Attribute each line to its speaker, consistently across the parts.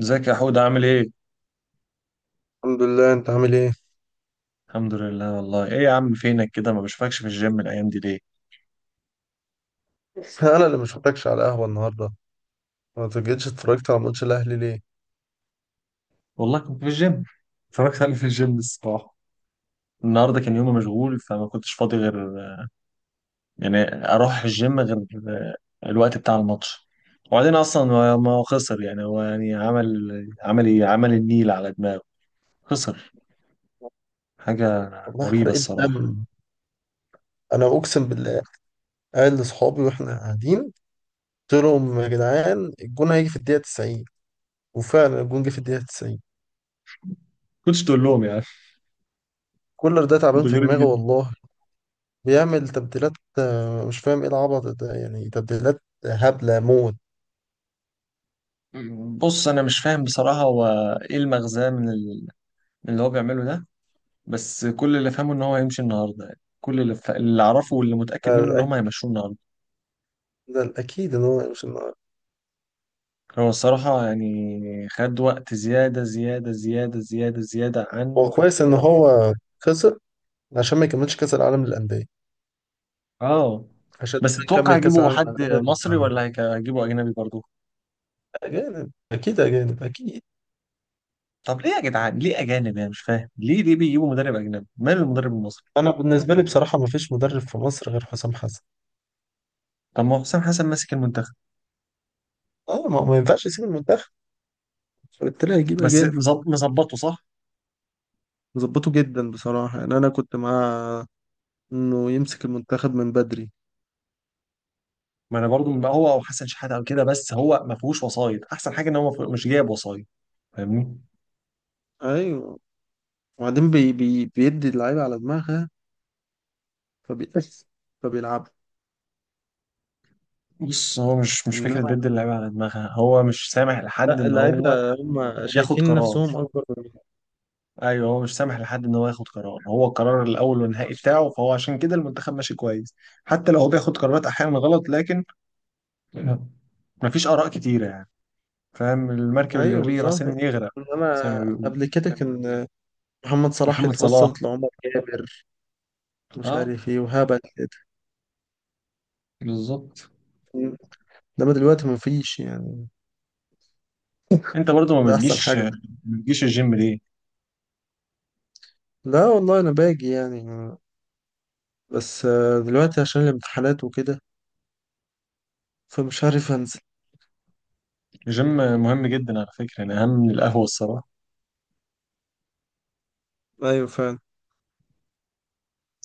Speaker 1: ازيك يا حود؟ عامل ايه؟
Speaker 2: الحمد لله، انت عامل ايه؟
Speaker 1: الحمد لله. والله ايه يا عم، فينك كده؟ ما بشوفكش في الجيم الايام دي ليه؟
Speaker 2: انا اللي ما شفتكش على قهوه النهارده. ما جيتش اتفرجت على ماتش الاهلي ليه؟
Speaker 1: والله كنت في الجيم، اتفرجت عليه في الجيم الصباح. النهارده كان يومي مشغول، فما كنتش فاضي غير يعني اروح الجيم غير الوقت بتاع الماتش. وبعدين اصلا ما هو خسر، يعني هو يعني عمل ايه، عمل النيل على دماغه، خسر حاجة
Speaker 2: والله
Speaker 1: مريبة
Speaker 2: حرقت دم.
Speaker 1: الصراحة.
Speaker 2: انا اقسم بالله، قايل لاصحابي واحنا قاعدين، قلت لهم يا جدعان الجون هيجي في الدقيقه 90، وفعلا الجون جه في الدقيقه 90.
Speaker 1: كنتش تقول لهم يعني.
Speaker 2: كولر ده تعبان
Speaker 1: انتوا
Speaker 2: في
Speaker 1: غريب
Speaker 2: دماغه
Speaker 1: جدا.
Speaker 2: والله. بيعمل تبديلات. مش فاهم ايه العبط ده، يعني تبديلات هبله موت.
Speaker 1: بص انا مش فاهم بصراحة، هو ايه المغزى من اللي هو بيعمله ده؟ بس كل اللي فهمه ان هو هيمشي النهارده، يعني اللي اعرفه واللي متاكد منه ان
Speaker 2: فالأك-
Speaker 1: هم هيمشوه النهارده.
Speaker 2: ده الاكيد ان هو مش النهارده.
Speaker 1: هو الصراحه يعني خد وقت زياده زياده زياده زياده زياده عن
Speaker 2: هو كويس ان هو خسر، عشان ما يكملش كاس العالم للانديه،
Speaker 1: اه
Speaker 2: عشان
Speaker 1: بس.
Speaker 2: لما
Speaker 1: تتوقع
Speaker 2: نكمل كاس
Speaker 1: يجيبوا
Speaker 2: العالم
Speaker 1: حد
Speaker 2: للانديه.
Speaker 1: مصري ولا هيجيبوا اجنبي برضه؟
Speaker 2: أجانب أكيد، أجانب أكيد.
Speaker 1: طب ليه يا جدعان، ليه اجانب؟ انا مش فاهم ليه، ليه بيجيبوا مدرب اجنبي؟ مال المدرب المصري؟
Speaker 2: أنا بالنسبة لي بصراحة ما فيش مدرب في مصر غير حسام حسن.
Speaker 1: طب ما هو حسام حسن ماسك المنتخب،
Speaker 2: أه، ما ينفعش يسيب المنتخب، فبالتالي هيجيب
Speaker 1: بس
Speaker 2: أجانب.
Speaker 1: مظبطه صح.
Speaker 2: ظبطه جدا بصراحة، يعني أنا كنت مع إنه يمسك المنتخب من بدري.
Speaker 1: ما انا برضه هو او حسن شحاته او كده، بس هو ما فيهوش وسايط، احسن حاجه ان هو ما فيه- مش جايب وسايط. فاهمني؟
Speaker 2: أيوه. وبعدين بي بي بيدي اللعيبة على دماغها، فبيأس، فبيلعبوا.
Speaker 1: بص هو مش
Speaker 2: إنما
Speaker 1: فكرة بيد اللعيبة على دماغها، هو مش سامح لحد
Speaker 2: لا،
Speaker 1: ان هو
Speaker 2: اللعيبة هم
Speaker 1: ياخد
Speaker 2: شايفين
Speaker 1: قرار.
Speaker 2: نفسهم أكبر منهم.
Speaker 1: ايوه، هو مش سامح لحد ان هو ياخد قرار، هو القرار الاول والنهائي بتاعه، فهو عشان كده المنتخب ماشي كويس. حتى لو هو بياخد قرارات احيانا غلط، لكن مفيش اراء كتيرة يعني. فاهم المركب اللي
Speaker 2: أيوه
Speaker 1: ليه
Speaker 2: بالظبط.
Speaker 1: راسين يغرق، زي
Speaker 2: إنما
Speaker 1: ما بيقول.
Speaker 2: قبل كده كان محمد صلاح
Speaker 1: محمد صلاح.
Speaker 2: يتوسط لعمر جابر، مش
Speaker 1: اه،
Speaker 2: عارف إيه وهبل كده.
Speaker 1: بالظبط.
Speaker 2: انما دلوقتي مفيش يعني.
Speaker 1: انت برضو ما
Speaker 2: ده احسن
Speaker 1: بتجيش
Speaker 2: حاجة.
Speaker 1: ما بتجيش الجيم ليه؟
Speaker 2: لا والله انا باجي يعني، بس دلوقتي عشان الامتحانات وكده، فمش عارف انزل.
Speaker 1: الجيم مهم جدا على فكرة، يعني اهم من القهوة الصراحة.
Speaker 2: ايوه فعلا.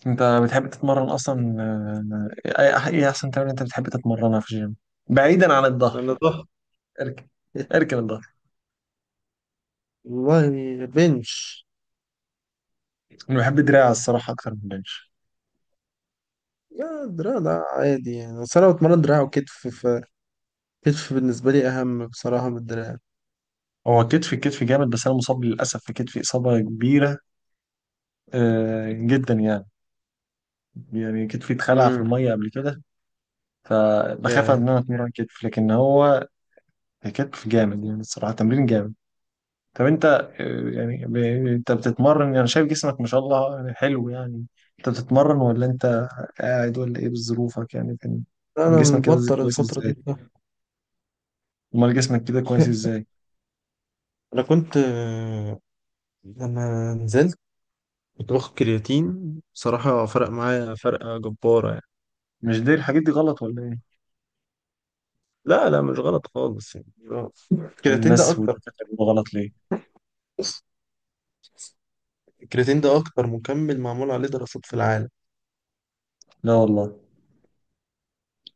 Speaker 1: انت بتحب تتمرن اصلا؟ ايه احسن تمرين انت بتحب تتمرنها في الجيم بعيدا عن الظهر؟
Speaker 2: انا ضحى،
Speaker 1: اركب، اركب الظهر.
Speaker 2: والله. بنش.
Speaker 1: انا بحب دراع الصراحه اكتر من البنش.
Speaker 2: يا دراع ده عادي يعني، بس انا بتمرن دراع وكتف، فكتف بالنسبة لي اهم بصراحة من الدراع.
Speaker 1: هو كتفي كتفي جامد، بس انا مصاب للاسف في كتفي اصابه كبيره جدا يعني. يعني كتفي اتخلع في
Speaker 2: امم
Speaker 1: الميه قبل كده، فبخاف
Speaker 2: يا
Speaker 1: ان انا اتمرن كتف، لكن هو كتف جامد يعني الصراحه تمرين جامد. طب انت يعني انت بتتمرن؟ يعني شايف جسمك ما شاء الله، يعني حلو يعني. انت بتتمرن ولا انت قاعد؟ ولا ايه بظروفك يعني؟ كان
Speaker 2: انا
Speaker 1: جسمك كده
Speaker 2: مبطل
Speaker 1: كويس
Speaker 2: الفترة دي
Speaker 1: ازاي؟
Speaker 2: بقى.
Speaker 1: امال جسمك كده كويس ازاي؟
Speaker 2: انا كنت لما نزلت كنت باخد كرياتين، بصراحة فرق معايا فرقة جبارة.
Speaker 1: مش دي الحاجات دي غلط ولا ايه؟
Speaker 2: لا لا، مش غلط خالص، يعني مش غلط.
Speaker 1: امال الناس والدكاتره بيقولوا غلط ليه؟
Speaker 2: بص الكرياتين ده اكتر مكمل معمول عليه دراسات في العالم،
Speaker 1: لا والله.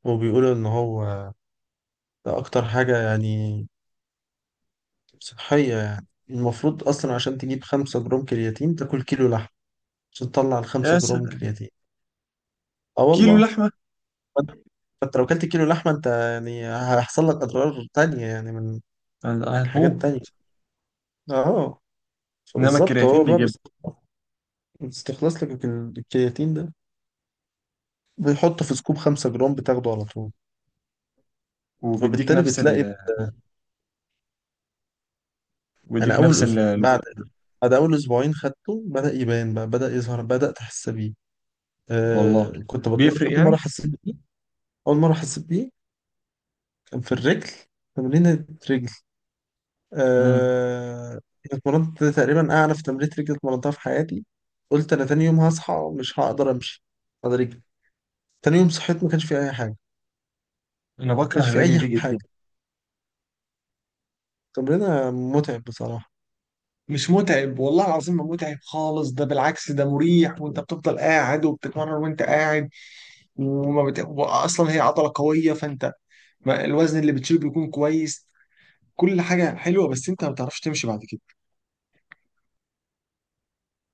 Speaker 2: وبيقولوا ان هو ده اكتر حاجة يعني صحية. يعني المفروض اصلا عشان تجيب خمسة جرام كرياتين تاكل كيلو لحم، عشان تطلع
Speaker 1: يا
Speaker 2: الخمسة جرام
Speaker 1: سلام!
Speaker 2: كرياتين. اه
Speaker 1: كيلو
Speaker 2: والله.
Speaker 1: لحمه!
Speaker 2: فانت، فأنت لو كلت كيلو لحمة انت يعني هيحصل لك اضرار تانية، يعني من حاجات
Speaker 1: هتموت.
Speaker 2: تانية. اه
Speaker 1: انما
Speaker 2: فبالظبط
Speaker 1: الكرياتين
Speaker 2: هو بقى
Speaker 1: بيجيب،
Speaker 2: بيستخلص، بيستخلص لك الكرياتين ده، بيحطه في سكوب خمسة جرام بتاخده على طول.
Speaker 1: وبيديك
Speaker 2: فبالتالي
Speaker 1: نفس
Speaker 2: بتلاقي،
Speaker 1: ال...
Speaker 2: انا
Speaker 1: بيديك
Speaker 2: اول
Speaker 1: نفس ال...
Speaker 2: اسبوع بعد اول اسبوعين خدته بدأ يبان بقى، بدأ يظهر، بدأت احس بيه.
Speaker 1: والله
Speaker 2: كنت بتمرن
Speaker 1: بيفرق
Speaker 2: اول مره
Speaker 1: يعني.
Speaker 2: حسيت بيه. اول مره حسيت بيه كان في الرجل، تمرين رجل.
Speaker 1: امم
Speaker 2: آه اتمرنت تقريبا اعنف تمرين رجل اتمرنتها في حياتي. قلت انا تاني يوم هصحى مش هقدر امشي، هقدر رجلي. تاني يوم صحيت ما كانش في اي حاجه، ما
Speaker 1: انا بكره
Speaker 2: كانش في
Speaker 1: الرجل
Speaker 2: اي
Speaker 1: دي
Speaker 2: حاجه
Speaker 1: جدا.
Speaker 2: تمرينه متعب بصراحه.
Speaker 1: مش متعب والله العظيم، ما متعب خالص، ده بالعكس ده مريح، وانت بتفضل قاعد وبتتمرن وانت قاعد. اصلا هي عضلة قوية، فانت الوزن اللي بتشيله بيكون كويس، كل حاجة حلوة، بس انت ما بتعرفش تمشي بعد كده.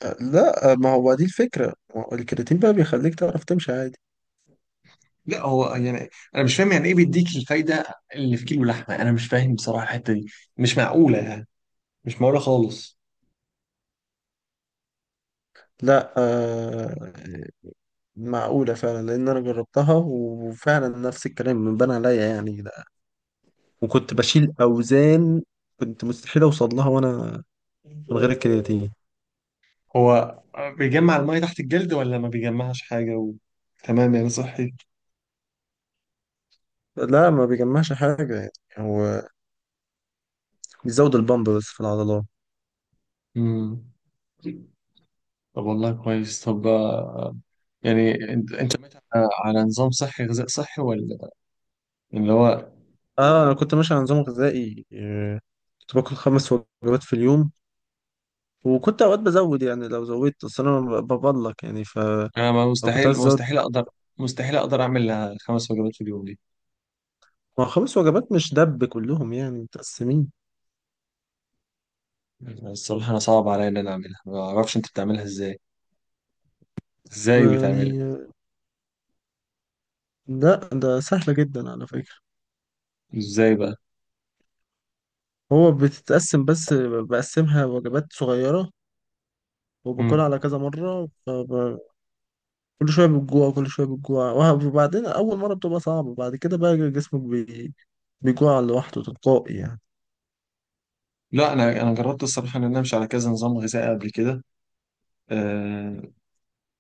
Speaker 2: لا، ما هو دي الفكره، ما هو الكرياتين بقى بيخليك تعرف تمشي عادي.
Speaker 1: لا هو يعني انا مش فاهم، يعني ايه بيديك الفايدة اللي في كيلو لحمة؟ انا مش فاهم بصراحة الحتة دي، مش معقولة يعني، مش معقولة خالص.
Speaker 2: لا، معقولة فعلا، لأن أنا جربتها وفعلا نفس الكلام بان عليا يعني ده. وكنت بشيل أوزان كنت مستحيل أوصل لها وأنا من غير الكرياتين.
Speaker 1: هو بيجمع المية تحت الجلد ولا ما بيجمعش حاجة تمام يعني صحي؟
Speaker 2: لا ما بيجمعش حاجة يعني، هو بيزود البامب بس في العضلات.
Speaker 1: امم. طب والله كويس. طب يعني انت انت ماشي على على نظام صحي غذاء صحي ولا؟ اللي هو
Speaker 2: اه انا كنت ماشي على نظام غذائي، كنت باكل خمس وجبات في اليوم. وكنت اوقات بزود يعني، لو زودت اصل انا ببلك، يعني فلو
Speaker 1: انا ما
Speaker 2: كنت
Speaker 1: مستحيل
Speaker 2: عايز ازود.
Speaker 1: مستحيل اقدر مستحيل اقدر اعمل خمس وجبات في اليوم دي.
Speaker 2: ما هو خمس وجبات مش دب كلهم يعني متقسمين
Speaker 1: الصراحه انا صعب عليا ان انا اعملها، ما اعرفش انت بتعملها ازاي؟ ازاي بتعملها؟
Speaker 2: يعني. لا ده سهلة جدا على فكرة.
Speaker 1: ازاي بقى؟
Speaker 2: هو بتتقسم بس، بقسمها وجبات صغيرة
Speaker 1: مم.
Speaker 2: وباكلها على كذا مرة. كل شوية بتجوع، كل شوية بتجوع. وبعدين أول مرة بتبقى صعبة، بعد كده بقى جسمك بي... بيجوع لوحده تلقائي يعني.
Speaker 1: لا انا جربت الصراحه ان انا امشي على كذا نظام غذائي قبل كده. آه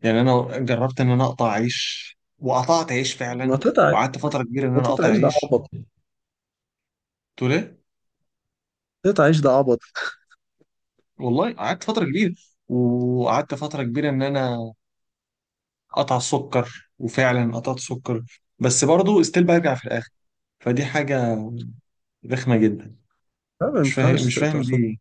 Speaker 1: يعني انا جربت ان انا اقطع عيش، وقطعت عيش
Speaker 2: ما
Speaker 1: فعلا،
Speaker 2: تقطع
Speaker 1: وقعدت فتره كبيره ان
Speaker 2: ما
Speaker 1: انا اقطع
Speaker 2: تقطعيش، ده
Speaker 1: عيش.
Speaker 2: عبط.
Speaker 1: تقول ايه؟
Speaker 2: تقطعيش ده عبط.
Speaker 1: والله قعدت فتره كبيره، وقعدت فتره كبيره ان انا قطع السكر، وفعلا قطعت سكر، بس برضه استيل برجع في الاخر. فدي حاجه رخمه جدا.
Speaker 2: لا ما
Speaker 1: مش فاهم
Speaker 2: ينفعش
Speaker 1: مش فاهم
Speaker 2: تقطع سكر.
Speaker 1: ليه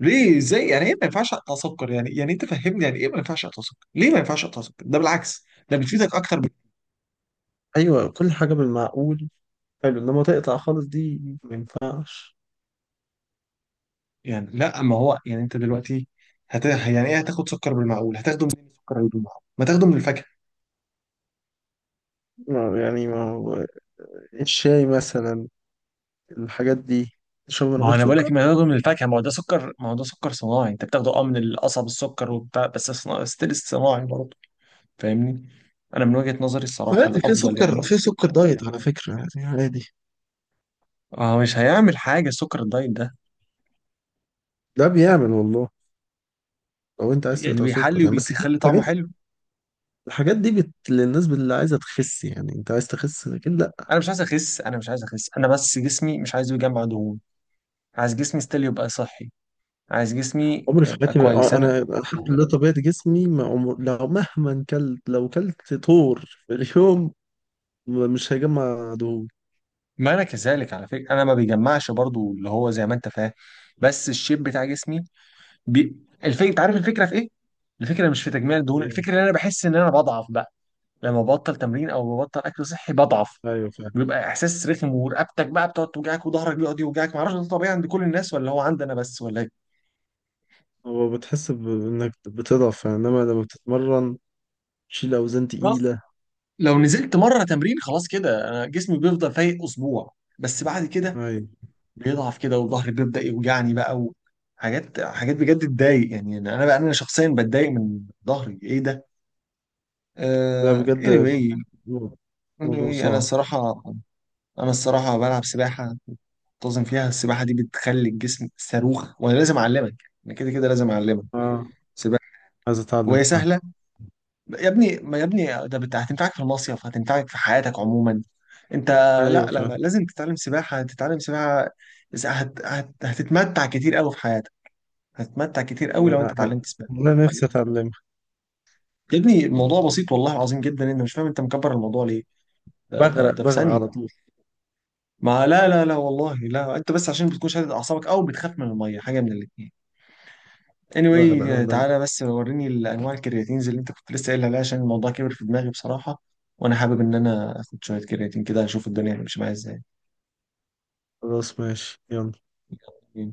Speaker 1: ليه ازاي؟ يعني ايه ما ينفعش اقطع سكر؟ يعني انت فهمني، يعني ايه ما ينفعش اقطع سكر؟ ليه ما ينفعش اقطع سكر؟ ده بالعكس ده بتفيدك اكتر
Speaker 2: أيوة، كل حاجة بالمعقول حلو، إنما تقطع خالص دي ما ينفعش.
Speaker 1: يعني لا، ما هو يعني انت دلوقتي يعني ايه هتاخد سكر بالمعقول؟ هتاخده منين السكر اللي بالمعقول؟ ما تاخده من الفاكهه.
Speaker 2: يعني ما هو الشاي مثلا، الحاجات دي تشرب من
Speaker 1: ما هو
Speaker 2: غير
Speaker 1: انا بقول لك
Speaker 2: سكر.
Speaker 1: ما تاخده من الفاكهه، ما هو ده سكر، ما هو ده سكر صناعي، انت بتاخده من القصب، السكر وبتاع، بس ستيل صناعي برضه. فاهمني؟ انا من وجهة نظري الصراحة
Speaker 2: عادي،
Speaker 1: الافضل يعني.
Speaker 2: في سكر دايت على فكرة، يعني عادي.
Speaker 1: هو مش هيعمل حاجة سكر الدايت ده،
Speaker 2: ده بيعمل والله، لو انت عايز
Speaker 1: يعني
Speaker 2: تقطع
Speaker 1: بيحلي
Speaker 2: سكر يعني. بس دي
Speaker 1: وبيخلي طعمه
Speaker 2: الحاجات،
Speaker 1: حلو.
Speaker 2: الحاجات دي بت... للناس اللي عايزه تخس يعني. انت عايز تخس، لكن لا.
Speaker 1: انا مش عايز اخس، انا مش عايز اخس، انا بس جسمي مش عايزه يجمع دهون. عايز جسمي ستيل يبقى صحي، عايز جسمي
Speaker 2: عمري في
Speaker 1: يبقى
Speaker 2: حياتي
Speaker 1: كويس.
Speaker 2: ما...
Speaker 1: انا
Speaker 2: انا الحمد لله طبيعه جسمي، ما عمر... لو مهما كلت، لو كلت طور في اليوم مش هيجمع دهون.
Speaker 1: ما انا كذلك على فكرة، انا ما بيجمعش برضو اللي هو زي ما انت فاهم. بس الشيب بتاع جسمي بي... الفكرة، انت عارف الفكرة في ايه؟ الفكرة مش في تجميع الدهون،
Speaker 2: ايه.
Speaker 1: الفكرة ان انا بحس ان انا بضعف بقى، لما ببطل تمرين او ببطل اكل صحي بضعف.
Speaker 2: ايوه فعلا.
Speaker 1: بيبقى احساس رخم، ورقبتك بقى بتقعد توجعك، وظهرك بيقعد يوجعك. معرفش ده طبيعي عند كل الناس ولا هو عندي انا بس ولا ايه؟
Speaker 2: هو بتحس بانك بتضعف يعني، انما لما بتتمرن تشيل اوزان
Speaker 1: خلاص،
Speaker 2: تقيله.
Speaker 1: لو نزلت مره تمرين خلاص كده انا جسمي بيفضل فايق اسبوع، بس بعد كده
Speaker 2: ايوه
Speaker 1: بيضعف كده وظهري بيبدا يوجعني بقى. وحاجات حاجات بجد تضايق، يعني انا بقى انا شخصيا بتضايق من ظهري. ايه ده؟
Speaker 2: ده بجد
Speaker 1: Anyway,
Speaker 2: موضوع، موضوع
Speaker 1: انا
Speaker 2: صعب.
Speaker 1: الصراحه، انا الصراحه بلعب سباحه منتظم فيها. السباحه دي بتخلي الجسم صاروخ، وانا لازم اعلمك، انا كده كده لازم اعلمك
Speaker 2: اه
Speaker 1: سباحه.
Speaker 2: عايز اتعلم
Speaker 1: وهي
Speaker 2: فعلا.
Speaker 1: سهله. يا ابني، ما يا ابني، ده هتنفعك في المصيف، هتنفعك في حياتك عموما. انت
Speaker 2: ايوه
Speaker 1: لا لا لا،
Speaker 2: فعلا.
Speaker 1: لازم تتعلم سباحة، تتعلم سباحة. إذا هت هت هتتمتع كتير قوي في حياتك، هتتمتع كتير قوي لو انت
Speaker 2: انا
Speaker 1: اتعلمت سباحة.
Speaker 2: أنا نفسي اتعلمها.
Speaker 1: يا ابني الموضوع بسيط والله العظيم جدا، انت مش فاهم، انت مكبر الموضوع ليه؟ ده ده
Speaker 2: بغرق،
Speaker 1: ده في
Speaker 2: بغرق
Speaker 1: ثانية.
Speaker 2: على طول.
Speaker 1: ما لا لا لا والله لا، انت بس عشان بتكون شادد اعصابك او بتخاف من المية، حاجة من الاتنين.
Speaker 2: بغرق
Speaker 1: anyway،
Speaker 2: انا دايما.
Speaker 1: تعالى بس وريني الانواع الكرياتينز اللي انت كنت لسه قايل عليها، عشان الموضوع كبر في دماغي بصراحة، وانا حابب ان انا اخد شوية كرياتين كده اشوف الدنيا هتمشي معايا
Speaker 2: خلاص ماشي يلا
Speaker 1: ازاي؟